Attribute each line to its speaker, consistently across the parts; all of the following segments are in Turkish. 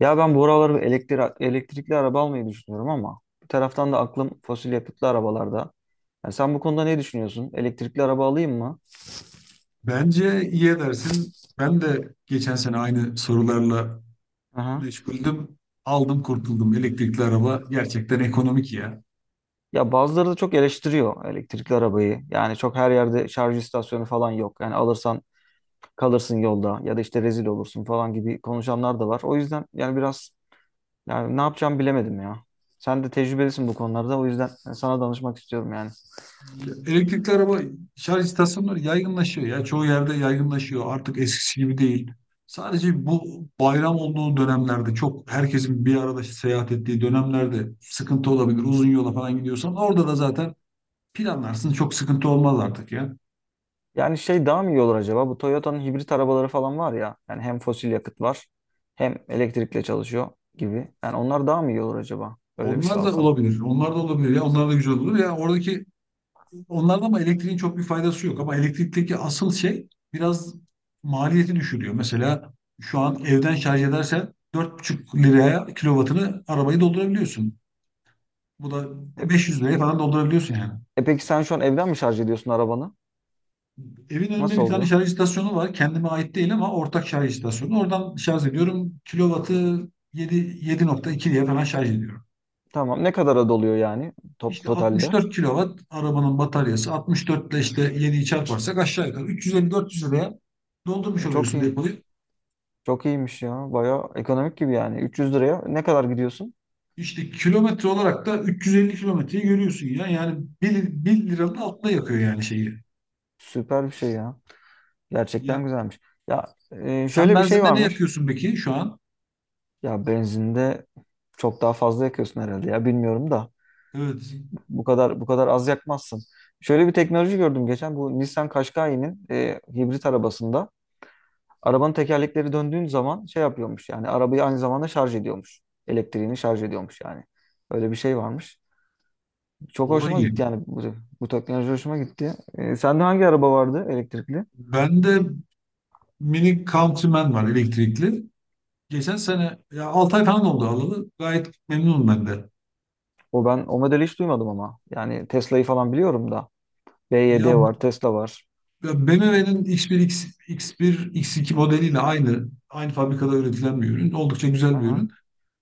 Speaker 1: Ya ben bu aralar bir elektrikli araba almayı düşünüyorum, ama bir taraftan da aklım fosil yakıtlı arabalarda. Yani sen bu konuda ne düşünüyorsun? Elektrikli araba alayım mı?
Speaker 2: Bence iyi edersin. Ben de geçen sene aynı sorularla
Speaker 1: Aha.
Speaker 2: meşguldüm. Aldım kurtuldum. Elektrikli araba gerçekten ekonomik ya.
Speaker 1: Ya bazıları da çok eleştiriyor elektrikli arabayı. Yani çok her yerde şarj istasyonu falan yok. Yani alırsan kalırsın yolda, ya da işte rezil olursun falan gibi konuşanlar da var. O yüzden yani biraz, yani ne yapacağımı bilemedim ya. Sen de tecrübelisin bu konularda. O yüzden sana danışmak istiyorum yani.
Speaker 2: Ya, elektrikli araba şarj istasyonları yaygınlaşıyor ya. Çoğu yerde yaygınlaşıyor. Artık eskisi gibi değil. Sadece bu bayram olduğu dönemlerde çok herkesin bir arada seyahat ettiği dönemlerde sıkıntı olabilir. Uzun yola falan gidiyorsan orada da zaten planlarsın. Çok sıkıntı olmaz artık ya.
Speaker 1: Yani şey daha mı iyi olur acaba? Bu Toyota'nın hibrit arabaları falan var ya. Yani hem fosil yakıt var, hem elektrikle çalışıyor gibi. Yani onlar daha mı iyi olur acaba? Öyle bir şey
Speaker 2: Onlar da
Speaker 1: alsam.
Speaker 2: olabilir. Onlar da olabilir ya. Onlar da güzel olur ya. Onlarda ama elektriğin çok bir faydası yok. Ama elektrikteki asıl şey biraz maliyeti düşürüyor. Mesela şu an evden şarj edersen 4,5 liraya kilovatını arabayı doldurabiliyorsun. Bu da
Speaker 1: E,
Speaker 2: 500 liraya falan doldurabiliyorsun yani.
Speaker 1: E peki sen şu an evden mi şarj ediyorsun arabanı?
Speaker 2: Evin önünde
Speaker 1: Nasıl
Speaker 2: bir tane
Speaker 1: oluyor?
Speaker 2: şarj istasyonu var. Kendime ait değil ama ortak şarj istasyonu. Oradan şarj ediyorum. Kilovatı 7, 7,2 diye falan şarj ediyorum.
Speaker 1: Tamam. Ne kadara doluyor yani,
Speaker 2: İşte
Speaker 1: totalde?
Speaker 2: 64 kilovat arabanın bataryası. 64 ile işte 7'yi çarparsak aşağı yukarı 350-400 liraya doldurmuş
Speaker 1: Çok
Speaker 2: oluyorsun
Speaker 1: iyi.
Speaker 2: depoyu.
Speaker 1: Çok iyiymiş ya. Baya ekonomik gibi yani. 300 liraya ne kadar gidiyorsun?
Speaker 2: İşte kilometre olarak da 350 kilometreyi görüyorsun ya. Yani 1 liranın altında yakıyor yani şeyi.
Speaker 1: Süper bir şey ya.
Speaker 2: Ya
Speaker 1: Gerçekten güzelmiş. Ya
Speaker 2: sen
Speaker 1: şöyle bir şey
Speaker 2: benzinde ne
Speaker 1: varmış.
Speaker 2: yakıyorsun peki şu an?
Speaker 1: Ya benzinde çok daha fazla yakıyorsun herhalde ya. Bilmiyorum da.
Speaker 2: Evet.
Speaker 1: Bu kadar az yakmazsın. Şöyle bir teknoloji gördüm geçen, bu Nissan Qashqai'nin hibrit arabasında arabanın tekerlekleri döndüğün zaman şey yapıyormuş, yani arabayı aynı zamanda şarj ediyormuş. Elektriğini şarj ediyormuş yani. Öyle bir şey varmış. Çok
Speaker 2: O da
Speaker 1: hoşuma
Speaker 2: iyi.
Speaker 1: gitti yani bu teknoloji hoşuma gitti. Sende hangi araba vardı elektrikli?
Speaker 2: Bende mini Countryman var elektrikli. Geçen sene ya 6 ay falan oldu alalı. Gayet memnunum ben de.
Speaker 1: Ben o modeli hiç duymadım ama. Yani Tesla'yı falan biliyorum da. B Y
Speaker 2: Ya,
Speaker 1: D var, Tesla var.
Speaker 2: ya BMW'nin X1, X2 modeliyle aynı fabrikada üretilen bir ürün. Oldukça güzel bir
Speaker 1: Aha.
Speaker 2: ürün.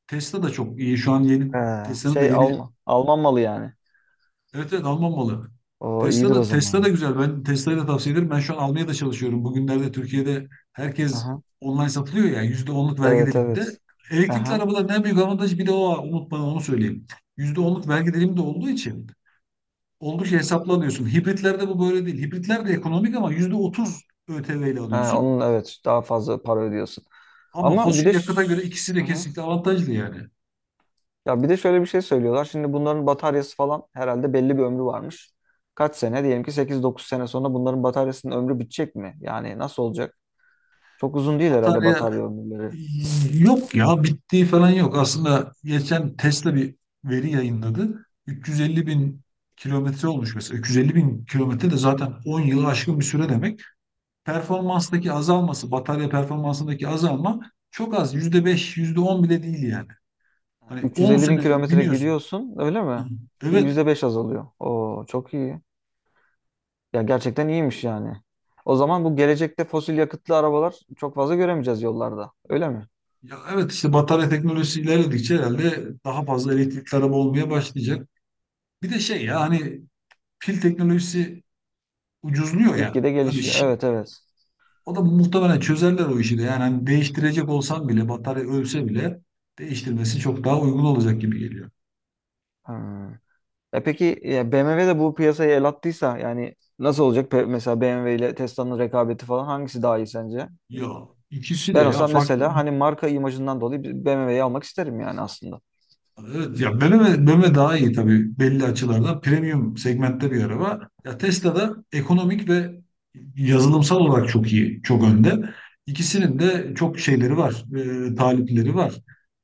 Speaker 2: Tesla da çok iyi. Şu an yeni
Speaker 1: Ee,
Speaker 2: Tesla'nın da
Speaker 1: şey
Speaker 2: yeni
Speaker 1: Alman malı yani.
Speaker 2: Evet evet Alman malı.
Speaker 1: O
Speaker 2: Tesla
Speaker 1: iyidir
Speaker 2: da,
Speaker 1: o
Speaker 2: Tesla da
Speaker 1: zaman.
Speaker 2: güzel. Ben Tesla'yı da tavsiye ederim. Ben şu an almaya da çalışıyorum. Bugünlerde Türkiye'de herkes
Speaker 1: Aha.
Speaker 2: online satılıyor ya. %10'luk vergi
Speaker 1: Evet
Speaker 2: diliminde.
Speaker 1: evet.
Speaker 2: Elektrikli
Speaker 1: Aha.
Speaker 2: arabaların en büyük avantajı bir de o. Unutma onu söyleyeyim. %10'luk vergi dilimi de olduğu için oldukça hesaplı alıyorsun. Hibritlerde bu böyle değil. Hibritler de ekonomik ama %30 ÖTV ile
Speaker 1: Ha,
Speaker 2: alıyorsun.
Speaker 1: onun, evet, daha fazla para ödüyorsun.
Speaker 2: Ama
Speaker 1: Ama bir
Speaker 2: fosil
Speaker 1: de
Speaker 2: yakıta göre
Speaker 1: ş-
Speaker 2: ikisi de
Speaker 1: Aha.
Speaker 2: kesinlikle avantajlı yani.
Speaker 1: Ya bir de şöyle bir şey söylüyorlar. Şimdi bunların bataryası falan herhalde belli bir ömrü varmış. Kaç sene? Diyelim ki sekiz dokuz sene sonra bunların bataryasının ömrü bitecek mi? Yani nasıl olacak? Çok uzun değil herhalde
Speaker 2: Batarya
Speaker 1: batarya ömürleri.
Speaker 2: Yok ya bittiği falan yok. Aslında geçen Tesla bir veri yayınladı. 350 bin kilometre olmuş mesela. 350 bin kilometre de zaten 10 yılı aşkın bir süre demek. Performanstaki azalması, batarya performansındaki azalma çok az. %5 yüzde on bile değil yani. Hani 10
Speaker 1: 350 bin
Speaker 2: sene
Speaker 1: kilometre
Speaker 2: biniyorsun.
Speaker 1: gidiyorsun öyle
Speaker 2: Hı.
Speaker 1: mi?
Speaker 2: Evet.
Speaker 1: %5 azalıyor. Oo çok iyi. Ya gerçekten iyiymiş yani. O zaman bu gelecekte fosil yakıtlı arabalar çok fazla göremeyeceğiz yollarda. Öyle mi?
Speaker 2: Ya evet işte batarya teknolojisi ilerledikçe herhalde daha fazla elektrikli araba olmaya başlayacak. Bir de şey ya hani pil teknolojisi ucuzluyor ya.
Speaker 1: Gitgide gelişiyor. Evet evet.
Speaker 2: O da muhtemelen çözerler o işi de. Yani hani değiştirecek olsan bile batarya ölse bile değiştirmesi çok daha uygun olacak gibi geliyor.
Speaker 1: Ha. E peki ya BMW de bu piyasaya el attıysa yani nasıl olacak? Mesela BMW ile Tesla'nın rekabeti falan, hangisi daha iyi sence?
Speaker 2: Ya ikisi de
Speaker 1: Ben
Speaker 2: ya
Speaker 1: olsam
Speaker 2: farklı.
Speaker 1: mesela hani marka imajından dolayı BMW'yi almak isterim yani aslında.
Speaker 2: Evet, ya BMW daha iyi tabii belli açılarda. Premium segmentte bir araba. Ya Tesla da ekonomik ve yazılımsal olarak çok iyi, çok önde. İkisinin de çok şeyleri var, talipleri var.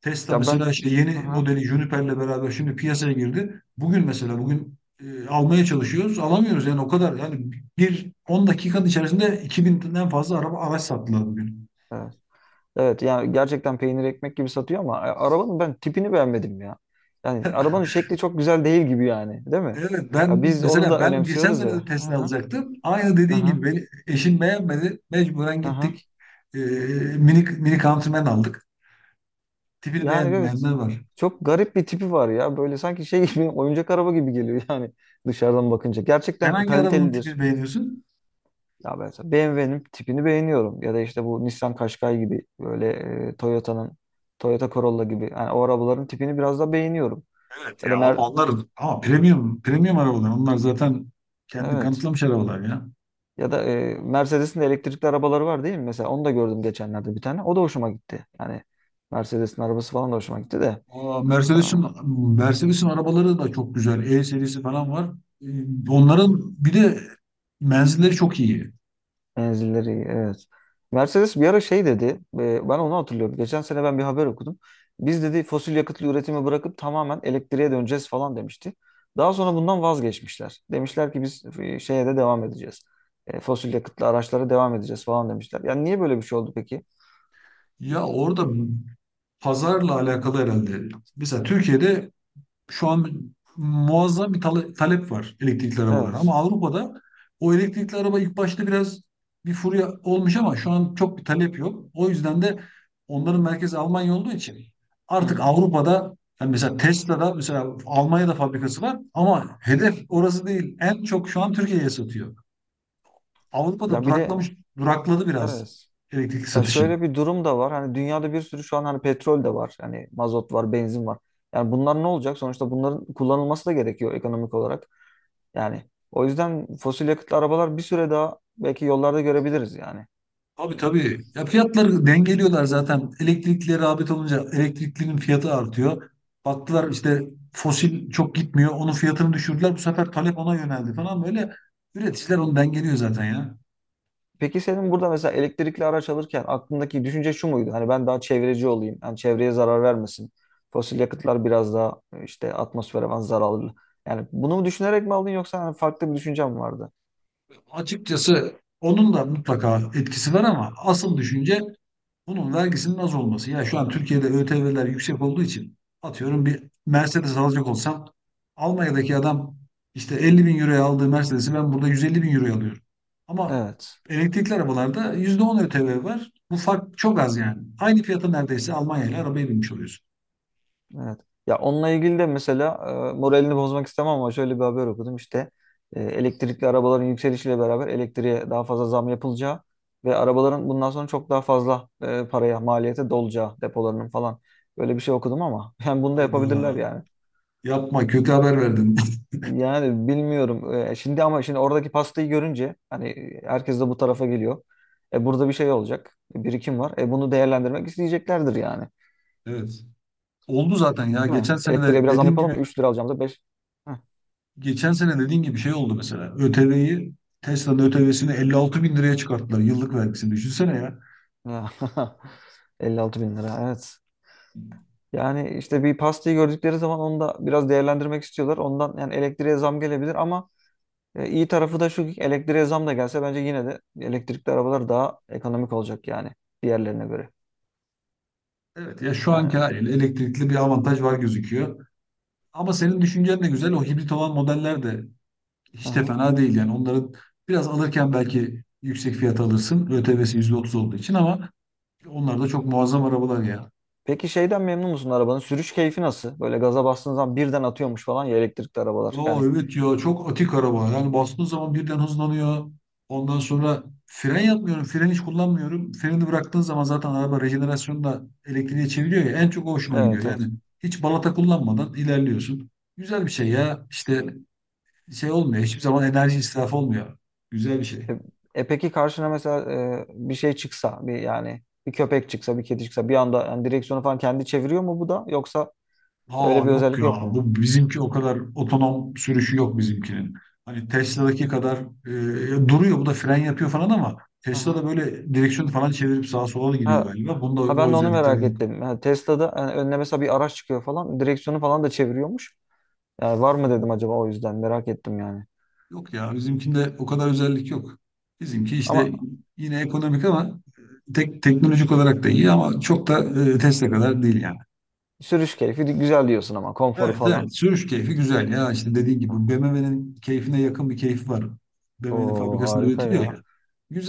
Speaker 2: Tesla
Speaker 1: Ya ben
Speaker 2: mesela işte yeni
Speaker 1: Aha,
Speaker 2: modeli Juniper'le beraber şimdi piyasaya girdi. Bugün mesela bugün almaya çalışıyoruz, alamıyoruz yani o kadar. Yani bir 10 dakikanın içerisinde 2000'den fazla araç sattılar bugün.
Speaker 1: evet. Evet yani gerçekten peynir ekmek gibi satıyor ama arabanın ben tipini beğenmedim ya. Yani arabanın şekli çok güzel değil gibi yani, değil mi?
Speaker 2: Evet,
Speaker 1: Ya
Speaker 2: ben
Speaker 1: biz onu
Speaker 2: mesela
Speaker 1: da
Speaker 2: geçen
Speaker 1: önemsiyoruz ya.
Speaker 2: sene de Tesla
Speaker 1: Aha,
Speaker 2: alacaktım. Aynı dediğin gibi
Speaker 1: aha,
Speaker 2: beni, eşim beğenmedi. Mecburen
Speaker 1: aha.
Speaker 2: gittik. Ee, mini Countryman aldık. Tipini
Speaker 1: Yani evet,
Speaker 2: beğenmeyenler var.
Speaker 1: çok garip bir tipi var ya. Böyle sanki şey gibi oyuncak araba gibi geliyor yani dışarıdan bakınca.
Speaker 2: Sen
Speaker 1: Gerçekten
Speaker 2: hangi arabanın tipini
Speaker 1: kalitelidir.
Speaker 2: beğeniyorsun?
Speaker 1: Ya ben mesela BMW'nin tipini beğeniyorum. Ya da işte bu Nissan Qashqai gibi, böyle Toyota'nın Toyota Corolla gibi. Yani o arabaların tipini biraz da beğeniyorum.
Speaker 2: Evet
Speaker 1: Ya da
Speaker 2: ya ama
Speaker 1: Mer
Speaker 2: onlar ama premium arabalar. Onlar zaten kendini
Speaker 1: evet.
Speaker 2: kanıtlamış arabalar ya.
Speaker 1: Ya da Mercedes'in de elektrikli arabaları var değil mi? Mesela onu da gördüm geçenlerde bir tane. O da hoşuma gitti. Yani Mercedes'in arabası falan da hoşuma gitti de.
Speaker 2: Aa, Mercedes'in arabaları da çok güzel. E serisi falan var. Onların bir de menzilleri çok iyi.
Speaker 1: Menzilleri evet. Mercedes bir ara şey dedi. Ben onu hatırlıyorum. Geçen sene ben bir haber okudum. Biz dedi fosil yakıtlı üretimi bırakıp tamamen elektriğe döneceğiz falan demişti. Daha sonra bundan vazgeçmişler. Demişler ki biz şeye de devam edeceğiz. Fosil yakıtlı araçlara devam edeceğiz falan demişler. Yani niye böyle bir şey oldu peki?
Speaker 2: Ya orada pazarla alakalı herhalde. Mesela Türkiye'de şu an muazzam bir talep var elektrikli arabalara. Ama
Speaker 1: Evet.
Speaker 2: Avrupa'da o elektrikli araba ilk başta biraz bir furya olmuş ama şu an çok bir talep yok. O yüzden de onların merkezi Almanya olduğu için
Speaker 1: Hı
Speaker 2: artık
Speaker 1: hı.
Speaker 2: Avrupa'da yani mesela Tesla'da mesela Almanya'da fabrikası var ama hedef orası değil. En çok şu an Türkiye'ye satıyor. Avrupa'da
Speaker 1: Ya bir de
Speaker 2: durakladı biraz
Speaker 1: evet.
Speaker 2: elektrikli
Speaker 1: Ya
Speaker 2: satışı.
Speaker 1: şöyle bir durum da var. Hani dünyada bir sürü şu an hani petrol de var. Hani mazot var, benzin var. Yani bunlar ne olacak? Sonuçta bunların kullanılması da gerekiyor ekonomik olarak. Yani o yüzden fosil yakıtlı arabalar bir süre daha belki yollarda görebiliriz yani.
Speaker 2: Abi tabii. Ya fiyatları dengeliyorlar zaten. Elektrikli rağbet olunca elektriklinin fiyatı artıyor. Baktılar işte fosil çok gitmiyor. Onun fiyatını düşürdüler. Bu sefer talep ona yöneldi falan. Böyle üreticiler onu dengeliyor zaten ya.
Speaker 1: Peki senin burada mesela elektrikli araç alırken aklındaki düşünce şu muydu? Hani ben daha çevreci olayım. Yani çevreye zarar vermesin. Fosil yakıtlar biraz daha işte atmosfere falan zararlı. Yani bunu mu düşünerek mi aldın yoksa hani farklı bir düşüncen mi vardı?
Speaker 2: Açıkçası onun da mutlaka etkisi var ama asıl düşünce bunun vergisinin az olması. Ya şu an Türkiye'de ÖTV'ler yüksek olduğu için atıyorum bir Mercedes alacak olsam Almanya'daki adam işte 50 bin euroya aldığı Mercedes'i ben burada 150 bin euroya alıyorum. Ama
Speaker 1: Evet.
Speaker 2: elektrikli arabalarda %10 ÖTV var. Bu fark çok az yani. Aynı fiyata neredeyse Almanya ile arabaya binmiş oluyorsun.
Speaker 1: Evet. Ya onunla ilgili de mesela moralini bozmak istemem, ama şöyle bir haber okudum işte elektrikli arabaların yükselişiyle beraber elektriğe daha fazla zam yapılacağı ve arabaların bundan sonra çok daha fazla paraya maliyete dolacağı, depolarının falan, böyle bir şey okudum ama yani bunu da
Speaker 2: Hayda,
Speaker 1: yapabilirler yani.
Speaker 2: yapma kötü haber verdin.
Speaker 1: Yani bilmiyorum. Şimdi ama şimdi oradaki pastayı görünce hani herkes de bu tarafa geliyor. Burada bir şey olacak. Birikim var. Bunu değerlendirmek isteyeceklerdir yani.
Speaker 2: Evet. Oldu zaten ya.
Speaker 1: Değil mi?
Speaker 2: Geçen sene
Speaker 1: Elektriğe
Speaker 2: de
Speaker 1: biraz zam
Speaker 2: dediğin
Speaker 1: yapalım mı?
Speaker 2: gibi
Speaker 1: 3 lira alacağımıza 5.
Speaker 2: geçen sene dediğin gibi şey oldu mesela. Tesla'nın ÖTV'sini 56 bin liraya çıkarttılar. Yıllık vergisini düşünsene ya.
Speaker 1: Ya, 56 bin lira, evet. Yani işte bir pastayı gördükleri zaman onu da biraz değerlendirmek istiyorlar. Ondan yani elektriğe zam gelebilir ama iyi tarafı da şu ki, elektriğe zam da gelse bence yine de elektrikli arabalar daha ekonomik olacak yani diğerlerine göre.
Speaker 2: Evet ya şu anki
Speaker 1: Yani.
Speaker 2: haliyle elektrikli bir avantaj var gözüküyor. Ama senin düşüncen de güzel. O hibrit olan modeller de hiç de
Speaker 1: Aha.
Speaker 2: fena değil yani. Onların biraz alırken belki yüksek fiyat alırsın. ÖTV'si %30 olduğu için ama onlar da çok muazzam arabalar ya.
Speaker 1: Peki şeyden memnun musun, arabanın? Sürüş keyfi nasıl? Böyle gaza bastığın zaman birden atıyormuş falan ya elektrikli arabalar.
Speaker 2: Ya
Speaker 1: Yani
Speaker 2: evet ya çok atik araba. Yani bastığın zaman birden hızlanıyor. Ondan sonra fren yapmıyorum. Fren hiç kullanmıyorum. Freni bıraktığın zaman zaten araba rejenerasyonu da elektriğe çeviriyor ya. En çok o hoşuma gidiyor.
Speaker 1: evet
Speaker 2: Yani
Speaker 1: evet.
Speaker 2: hiç balata kullanmadan ilerliyorsun. Güzel bir şey ya. İşte şey olmuyor. Hiçbir zaman enerji israfı olmuyor. Güzel bir
Speaker 1: E,
Speaker 2: şey.
Speaker 1: peki karşına mesela bir şey çıksa, bir yani bir köpek çıksa, bir kedi çıksa bir anda yani direksiyonu falan kendi çeviriyor mu bu da, yoksa öyle
Speaker 2: Aa,
Speaker 1: bir
Speaker 2: yok
Speaker 1: özellik
Speaker 2: ya.
Speaker 1: yok mu?
Speaker 2: Bu bizimki o kadar otonom sürüşü yok bizimkinin. Hani Tesla'daki kadar duruyor, bu da fren yapıyor falan ama
Speaker 1: Hı hı.
Speaker 2: Tesla'da böyle direksiyonu falan çevirip sağa sola da gidiyor
Speaker 1: Ha,
Speaker 2: galiba. Bunda o,
Speaker 1: ha
Speaker 2: o
Speaker 1: ben de onu
Speaker 2: özellikler
Speaker 1: merak
Speaker 2: yok.
Speaker 1: ettim. Ha, Tesla'da yani önüne mesela bir araç çıkıyor falan direksiyonu falan da çeviriyormuş. Yani var mı dedim acaba, o yüzden merak ettim yani.
Speaker 2: Yok ya bizimkinde o kadar özellik yok. Bizimki
Speaker 1: Ama
Speaker 2: işte yine ekonomik ama teknolojik olarak da iyi ama çok da Tesla kadar değil yani.
Speaker 1: sürüş keyfi güzel diyorsun ama konforu
Speaker 2: Evet
Speaker 1: falan.
Speaker 2: evet sürüş keyfi güzel ya işte dediğin gibi BMW'nin keyfine yakın bir keyfi var. BMW'nin
Speaker 1: Oo
Speaker 2: fabrikasında
Speaker 1: harika
Speaker 2: üretiliyor
Speaker 1: ya.
Speaker 2: ya.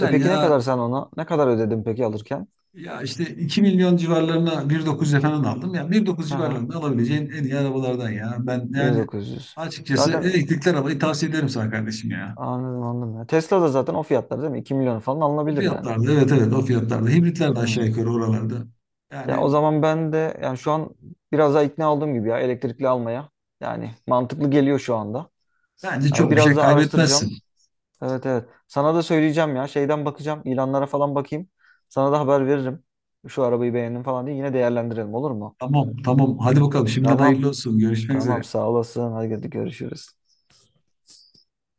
Speaker 1: E peki ne
Speaker 2: ya.
Speaker 1: kadar sen ona ne kadar ödedin peki alırken?
Speaker 2: Ya işte 2 milyon civarlarına 1,9'a falan aldım. Ya bir dokuz
Speaker 1: Hı hı.
Speaker 2: civarlarında alabileceğin en iyi arabalardan ya. Ben yani
Speaker 1: 1.900.
Speaker 2: açıkçası
Speaker 1: Zaten
Speaker 2: elektrikli arabayı tavsiye ederim sana kardeşim ya.
Speaker 1: anladım, anladım. Ya Tesla da zaten o fiyatlar değil mi? 2 milyon falan
Speaker 2: O
Speaker 1: alınabilir yani.
Speaker 2: fiyatlarda evet evet o fiyatlarda. Hibritler de aşağı
Speaker 1: Hmm.
Speaker 2: yukarı oralarda.
Speaker 1: Ya o
Speaker 2: Yani
Speaker 1: zaman ben de yani şu an biraz daha ikna olduğum gibi ya, elektrikli almaya. Yani mantıklı geliyor şu anda.
Speaker 2: bence
Speaker 1: Yani
Speaker 2: çok bir
Speaker 1: biraz
Speaker 2: şey
Speaker 1: daha
Speaker 2: kaybetmezsin.
Speaker 1: araştıracağım. Evet evet. Sana da söyleyeceğim ya. Şeyden bakacağım. İlanlara falan bakayım. Sana da haber veririm. Şu arabayı beğendim falan diye yine değerlendirelim, olur mu?
Speaker 2: Tamam tamam hadi bakalım şimdiden
Speaker 1: Tamam.
Speaker 2: hayırlı olsun. Görüşmek
Speaker 1: Tamam
Speaker 2: üzere.
Speaker 1: sağ olasın. Hadi görüşürüz.